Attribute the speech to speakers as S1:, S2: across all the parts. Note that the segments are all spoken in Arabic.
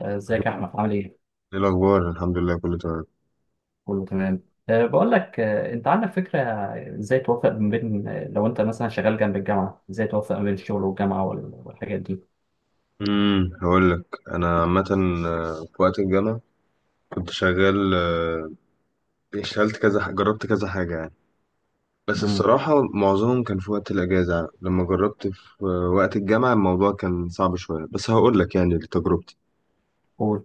S1: ازيك يا
S2: ايه
S1: احمد عامل ايه؟
S2: الاخبار، الحمد لله كله تمام.
S1: كله تمام. بقول لك، انت عندك فكره ازاي توفق ما بين لو انت مثلا شغال جنب الجامعه، ازاي توفق ما بين الشغل والجامعه والحاجات دي؟
S2: هقول لك. انا عامه. في وقت الجامعه كنت شغال. اشتغلت كذا جربت كذا حاجه يعني. بس
S1: امم،
S2: الصراحه معظمهم كان في وقت الاجازه يعني. لما جربت في وقت الجامعه الموضوع كان صعب شويه، بس هقول لك يعني تجربتي.
S1: قول.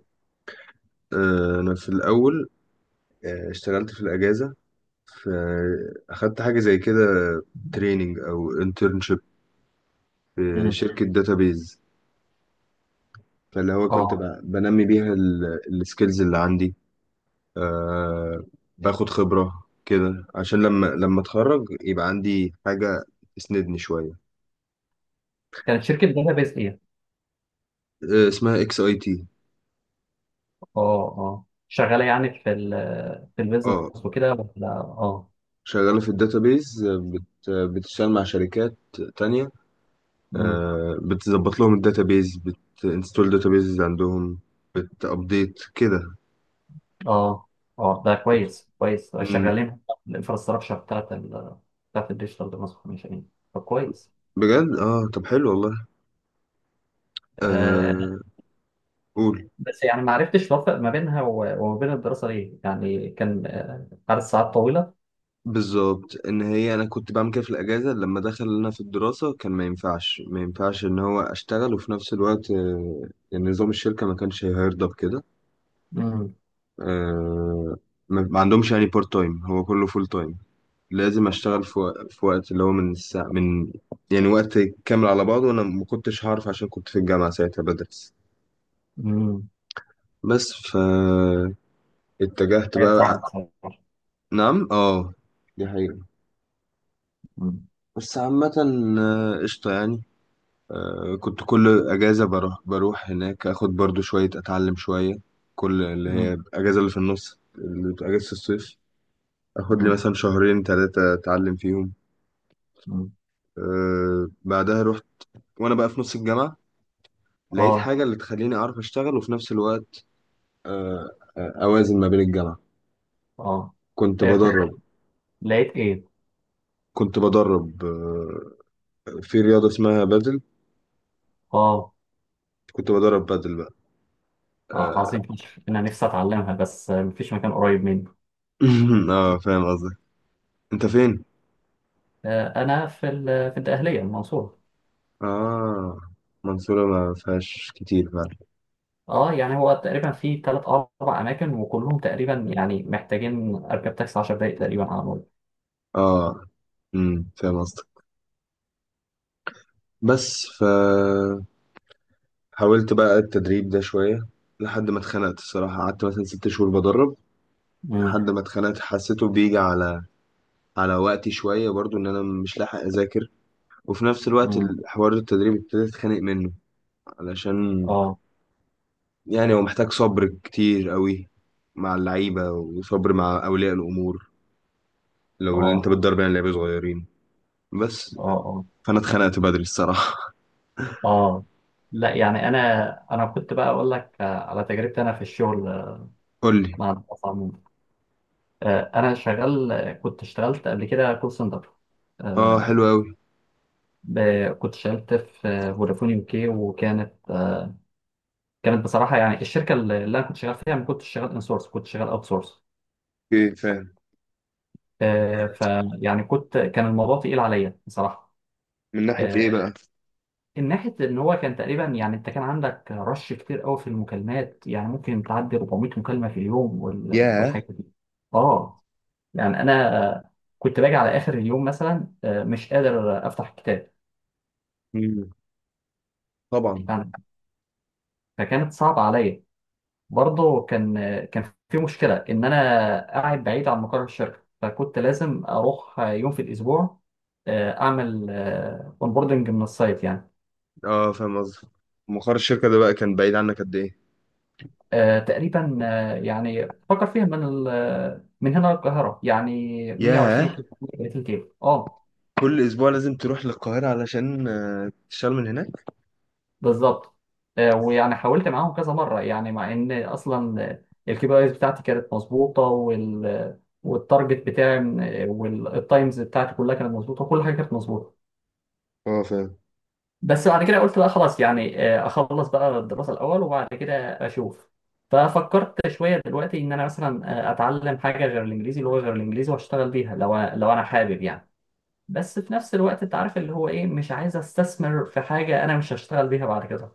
S2: انا في الاول اشتغلت في الاجازه. في اخدت حاجه زي كده، تريننج او انترنشيب في
S1: مم.
S2: شركه داتابيز. فاللي هو كنت
S1: اه،
S2: بنمي بيها السكيلز اللي عندي. آه باخد خبرة كده عشان لما اتخرج يبقى عندي حاجة تسندني شوية.
S1: كانت شركه داتابيز ايه؟
S2: اسمها XAT.
S1: اه، اه شغاله يعني في البيزنس
S2: اه،
S1: وكده ولا اه؟
S2: شغالة في الداتابيز. بتشتغل مع شركات تانية.
S1: امم.
S2: بتظبط لهم الداتابيز، بتنستول داتابيز عندهم، بتابديت كده.
S1: اه اه، ده كويس كويس،
S2: مم.
S1: شغالين الانفراستراكشر بتاعت بتاعت الديجيتال ترانسفورميشن. طب كويس.
S2: بجد اه، طب حلو والله.
S1: آه،
S2: آه قول.
S1: بس يعني ما عرفتش اوفق ما بينها وما بين الدراسه، ليه يعني كان عدد ساعات طويله.
S2: بالظبط ان هي انا كنت بعمل كده في الاجازه. لما دخل لنا في الدراسه كان ما ينفعش ان هو اشتغل وفي نفس الوقت. يعني نظام الشركه ما كانش هيرضى بكده.
S1: امم.
S2: آه، ما عندهمش يعني بارت تايم، هو كله فول تايم. لازم اشتغل في وقت اللي هو من الساعه، من، يعني وقت كامل على بعضه، وانا ما كنتش هعرف عشان كنت في الجامعه ساعتها بدرس.
S1: امم.
S2: بس اتجهت
S1: حاجه
S2: بقى.
S1: تزعل بصراحه.
S2: نعم اه، دي حقيقه.
S1: امم.
S2: بس عامه، قشطه يعني. كنت كل اجازه بروح هناك، اخد برضو شويه اتعلم شويه. كل اللي هي
S1: امم.
S2: الاجازه اللي في النص اللي بتبقى اجازه الصيف. اخد لي
S1: امم.
S2: مثلا شهرين ثلاثه اتعلم فيهم.
S1: أمم.
S2: بعدها رحت وانا بقى في نص الجامعه. لقيت
S1: اه.
S2: حاجه اللي تخليني اعرف اشتغل وفي نفس الوقت أه آه، اوازن ما بين الجامعه.
S1: اه،
S2: كنت
S1: إيه كنت،
S2: بدرب.
S1: لقيت ايه؟
S2: كنت بدرب في رياضه اسمها بادل.
S1: اه.
S2: كنت بدرب بادل بقى.
S1: اه
S2: اه.
S1: عظيم فشخ. انا نفسي اتعلمها بس مفيش مكان قريب مني.
S2: فاهم قصدك. انت فين؟
S1: انا في الدقهليه، المنصوره.
S2: اه، منصوره ما فيهاش كتير فعلا.
S1: اه يعني هو تقريبا في 3 4 اماكن، وكلهم تقريبا يعني محتاجين اركب تاكسي 10 دقائق تقريبا على الأقل.
S2: اه، فاهم قصدك. بس حاولت بقى التدريب ده شوية لحد ما اتخنقت. الصراحة قعدت مثلا 6 شهور بدرب
S1: امم.
S2: لحد ما اتخنقت. حسيته بيجي على وقتي شوية، برضو إن أنا مش لاحق أذاكر. وفي نفس الوقت
S1: امم.
S2: الحوار التدريب ابتديت أتخانق منه علشان
S1: اه.
S2: يعني هو محتاج صبر كتير قوي مع اللعيبة، وصبر مع أولياء الأمور لو اللي أنت
S1: اه.
S2: بتدرب يعني لعيبة صغيرين. بس
S1: اه.
S2: فأنا اتخنقت بدري الصراحة.
S1: اه لا يعني انا، انا كنت بقى اقول لك على تجربتي انا في الشغل،
S2: قولي.
S1: مع الناس عموما. انا شغال، كنت اشتغلت قبل كده كول سنتر.
S2: اه حلو
S1: آه،
S2: أوي.
S1: كنت اشتغلت في فودافون يو كي، وكانت كانت بصراحه يعني الشركه اللي انا كنت شغال فيها ما كنتش شغال ان سورس، كنت شغال اوت سورس.
S2: اوكي فاهم.
S1: فيعني كنت، كان الموضوع تقيل عليا بصراحه.
S2: من ناحية إيه
S1: آه،
S2: بقى؟
S1: من ناحية إن هو كان تقريبا، يعني أنت كان عندك رش كتير قوي في المكالمات، يعني ممكن تعدي 400 مكالمة في اليوم
S2: ياه.
S1: والحاجات دي. آه، يعني أنا كنت باجي على آخر اليوم مثلا مش قادر أفتح الكتاب
S2: مم. طبعا.
S1: يعني. فكانت صعبة عليا. برضه كان كان في مشكلة إن أنا قاعد بعيد عن مقر الشركة، فكنت لازم أروح يوم في الأسبوع، أعمل أونبوردنج من السايت يعني.
S2: اه فاهم قصدي. مقر الشركة ده بقى كان بعيد عنك قد إيه؟
S1: تقريبا يعني فكر فيها من هنا للقاهرة يعني 120
S2: ياه،
S1: كيلو، 130 كيلو، اه.
S2: كل أسبوع لازم تروح للقاهرة علشان تشتغل من هناك؟
S1: بالظبط. ويعني حاولت معاهم كذا مرة يعني، مع ان اصلا الكي بي ايز بتاعتي كانت مظبوطة، وال والتارجت والتايمز بتاعتي كلها كانت مظبوطة، وكل حاجة كانت مظبوطة.
S2: اه فاهم.
S1: بس بعد كده قلت بقى خلاص يعني، اخلص بقى الدراسه الاول وبعد كده اشوف. ففكرت شويه دلوقتي ان انا مثلا اتعلم حاجه غير الانجليزي، لغه غير الانجليزي، واشتغل بيها لو انا حابب يعني. بس في نفس الوقت انت عارف اللي هو ايه، مش عايز استثمر في حاجه انا مش هشتغل بيها بعد كده.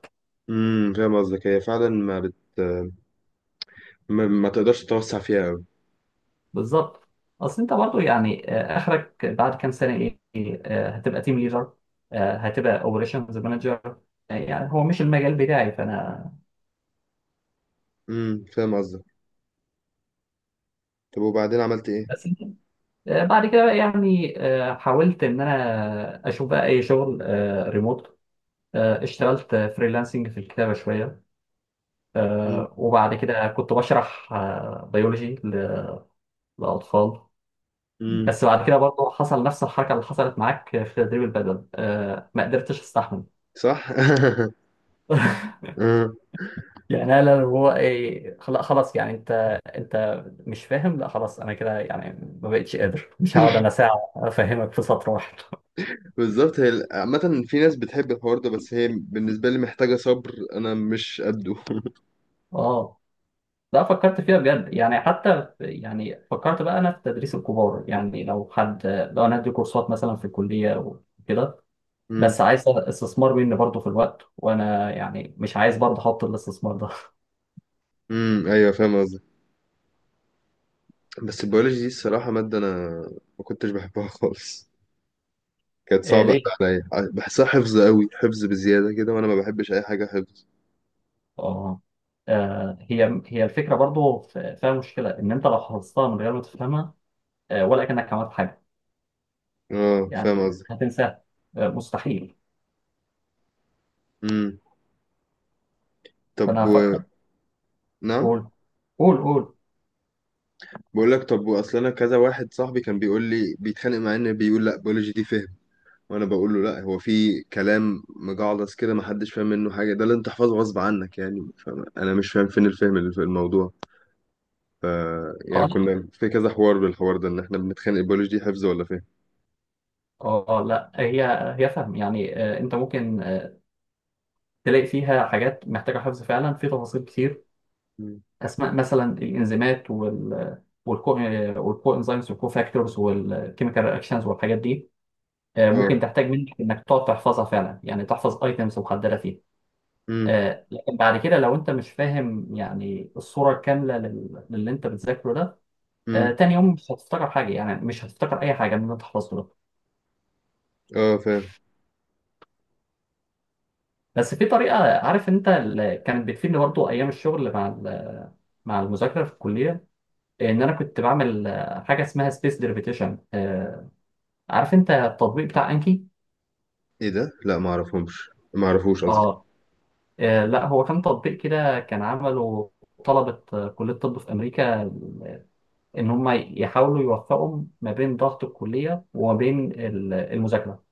S2: امم، فاهم قصدك. هي فعلا ما تقدرش تتوسع فيها أوي.
S1: بالظبط. اصل انت برضو يعني اخرك بعد كام سنه ايه؟ هتبقى تيم ليدر، هتبقى اوبريشنز مانجر، يعني هو مش المجال بتاعي فانا.
S2: امم، فاهم قصدك. طب وبعدين عملت إيه؟
S1: بس بعد كده بقى يعني حاولت ان انا اشوف بقى اي شغل ريموت. اشتغلت فريلانسنج في الكتابه شويه.
S2: امم.
S1: وبعد كده كنت بشرح بيولوجي للاطفال.
S2: امم.
S1: بس بعد كده برضه حصل نفس الحركه اللي حصلت معاك في تدريب البدل، ما قدرتش استحمل.
S2: صح؟ آه.
S1: يعني انا اللي هو ايه، خلاص يعني، انت انت مش فاهم، لا خلاص انا كده يعني، ما بقتش قادر، مش هقعد انا ساعه افهمك في سطر واحد.
S2: بالظبط هي عامة، في ناس بتحب الحوار ده، بس هي بالنسبة لي محتاجة صبر، أنا مش قده.
S1: اه لا فكرت فيها بجد يعني، حتى يعني فكرت بقى انا في تدريس الكبار، يعني لو حد، لو انا ادي كورسات مثلا في الكليه وكده.
S2: امم
S1: بس عايز استثمار مني برضه في الوقت، وانا يعني مش عايز برضه احط الاستثمار ده.
S2: ايوه فاهم قصدك. بس البيولوجي دي الصراحة مادة أنا ما كنتش بحبها خالص. كانت
S1: إيه
S2: صعبة
S1: ليه؟
S2: أوي عليا. بحسها حفظ قوي، حفظ بزيادة كده، وأنا ما بحبش أي حاجة حفظ.
S1: اه، هي هي الفكره برضه فيها مشكله ان انت لو حفظتها من غير ما تفهمها، ولا كانك عملت حاجه
S2: اه فاهم
S1: يعني.
S2: قصدي.
S1: هتنساها، مستحيل.
S2: امم طب
S1: فانا
S2: و...
S1: فكرت.
S2: نعم.
S1: قول قول قول.
S2: بقول لك، طب وأصل أنا كذا واحد صاحبي كان بيقول لي، بيتخانق معايا إن بيقول لا بيولوجي دي فهم، وأنا بقول له لا، هو في كلام مجعلص كده ما حدش فاهم منه حاجة، ده اللي أنت تحفظه غصب عنك، يعني فاهم، أنا مش فاهم فين الفهم اللي في الموضوع. ف يعني
S1: اه لا.
S2: كنا في كذا حوار بالحوار ده إن إحنا بنتخانق، البيولوجي دي حفظ ولا فهم.
S1: اه، لا هي، هي فهم يعني، انت ممكن تلاقي فيها حاجات محتاجة حفظ فعلا في تفاصيل كتير.
S2: مم.
S1: أسماء مثلا الإنزيمات، وال والكو، والكو انزيمز، والكو فاكتورز، والكيميكال رياكشنز، والحاجات دي. ممكن
S2: اه.
S1: تحتاج منك إنك تقعد تحفظها فعلا، يعني تحفظ ايتمز محددة فيها.
S2: امم
S1: لكن بعد كده لو أنت مش فاهم يعني الصورة الكاملة للي أنت بتذاكره ده،
S2: امم
S1: تاني يوم مش هتفتكر حاجة، يعني مش هتفتكر أي حاجة من اللي أنت حفظته ده.
S2: اه فاهم.
S1: بس في طريقة، عارف أنت اللي كانت بتفيدني برضه أيام الشغل مع المذاكرة في الكلية، ان انا كنت بعمل حاجه اسمها سبيس ديربيتيشن. عارف انت التطبيق بتاع انكي؟
S2: ايه ده؟ لا، ما اعرفهمش، ما اعرفوش قصدي.
S1: اه، لا هو كان تطبيق كده، كان عمله طلبه كليه الطب في امريكا، ان هم يحاولوا يوفقوا ما بين ضغط الكليه وما بين المذاكره.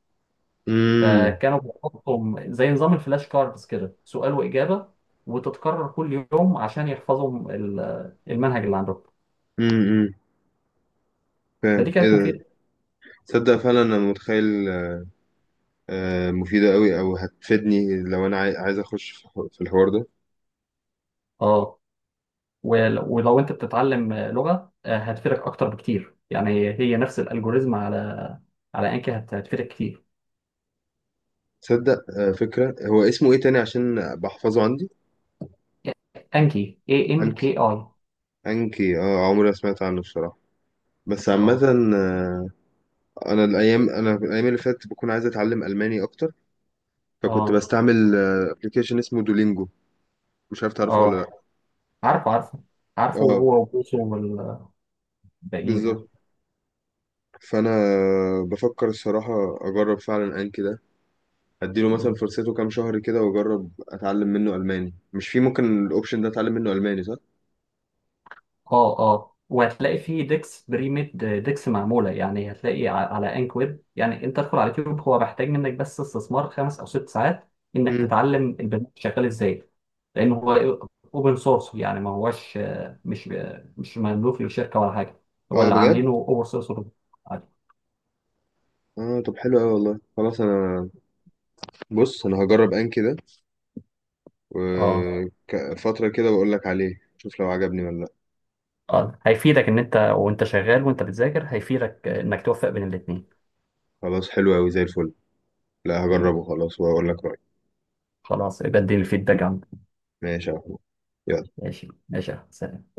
S2: امم
S1: فكانوا بيحطوا زي نظام الفلاش كاردز كده، سؤال واجابه، وتتكرر كل يوم عشان يحفظوا المنهج اللي عندهم.
S2: امم فاهم
S1: فدي
S2: ايه
S1: كانت
S2: ده.
S1: مفيده.
S2: تصدق فعلا انا متخيل. مفيدة قوي، او هتفيدني لو انا عايز اخش في في الحوار ده.
S1: اه، ولو انت بتتعلم لغة هتفيدك اكتر بكتير، يعني هي نفس الالجوريزم على على انكي هتفيدك كتير.
S2: تصدق، فكرة. هو اسمه ايه تاني عشان بحفظه عندي؟
S1: انكي، اي ان
S2: انكي.
S1: كي اي.
S2: انكي، اه. عمري ما سمعت عنه الصراحة. بس عامة،
S1: اه.
S2: آه، انا الايام اللي فاتت بكون عايز اتعلم الماني اكتر. فكنت
S1: اه.
S2: بستعمل ابلكيشن اسمه دولينجو، مش عارف تعرفه ولا
S1: اه
S2: لا.
S1: عارفه، عارفه
S2: اه،
S1: هو وبوسو والباقيين
S2: بالظبط. فانا بفكر الصراحه اجرب فعلا انكي ده، اديله مثلا
S1: يعني.
S2: فرصته كام شهر كده واجرب اتعلم منه الماني. مش في ممكن الاوبشن ده اتعلم منه الماني، صح؟
S1: اه. اه، وهتلاقي فيه ديكس، بريميد ديكس معموله يعني، هتلاقي على انك ويب، يعني انت تدخل على اليوتيوب، هو محتاج منك بس استثمار 5 او 6 ساعات انك
S2: امم،
S1: تتعلم البرنامج شغال ازاي. لان هو اوبن سورس يعني، ما هوش مش مش مملوك للشركه ولا حاجه، هو
S2: اه
S1: اللي
S2: بجد.
S1: عاملينه اوبن سورس. عادي.
S2: اه طب حلو قوي والله. خلاص انا، بص انا هجرب انكي ده
S1: اه.
S2: وفتره كده واقول لك عليه، شوف لو عجبني ولا لا.
S1: اه هيفيدك ان انت وانت شغال وانت بتذاكر، هيفيدك انك توفق بين الاثنين.
S2: خلاص حلو قوي زي الفل. لا، هجربه خلاص واقول لك رايي.
S1: خلاص يبقى اديني الفيدباك عنك.
S2: ماشي يا محمود، يلا.
S1: ماشي، ماشي يا أحمد.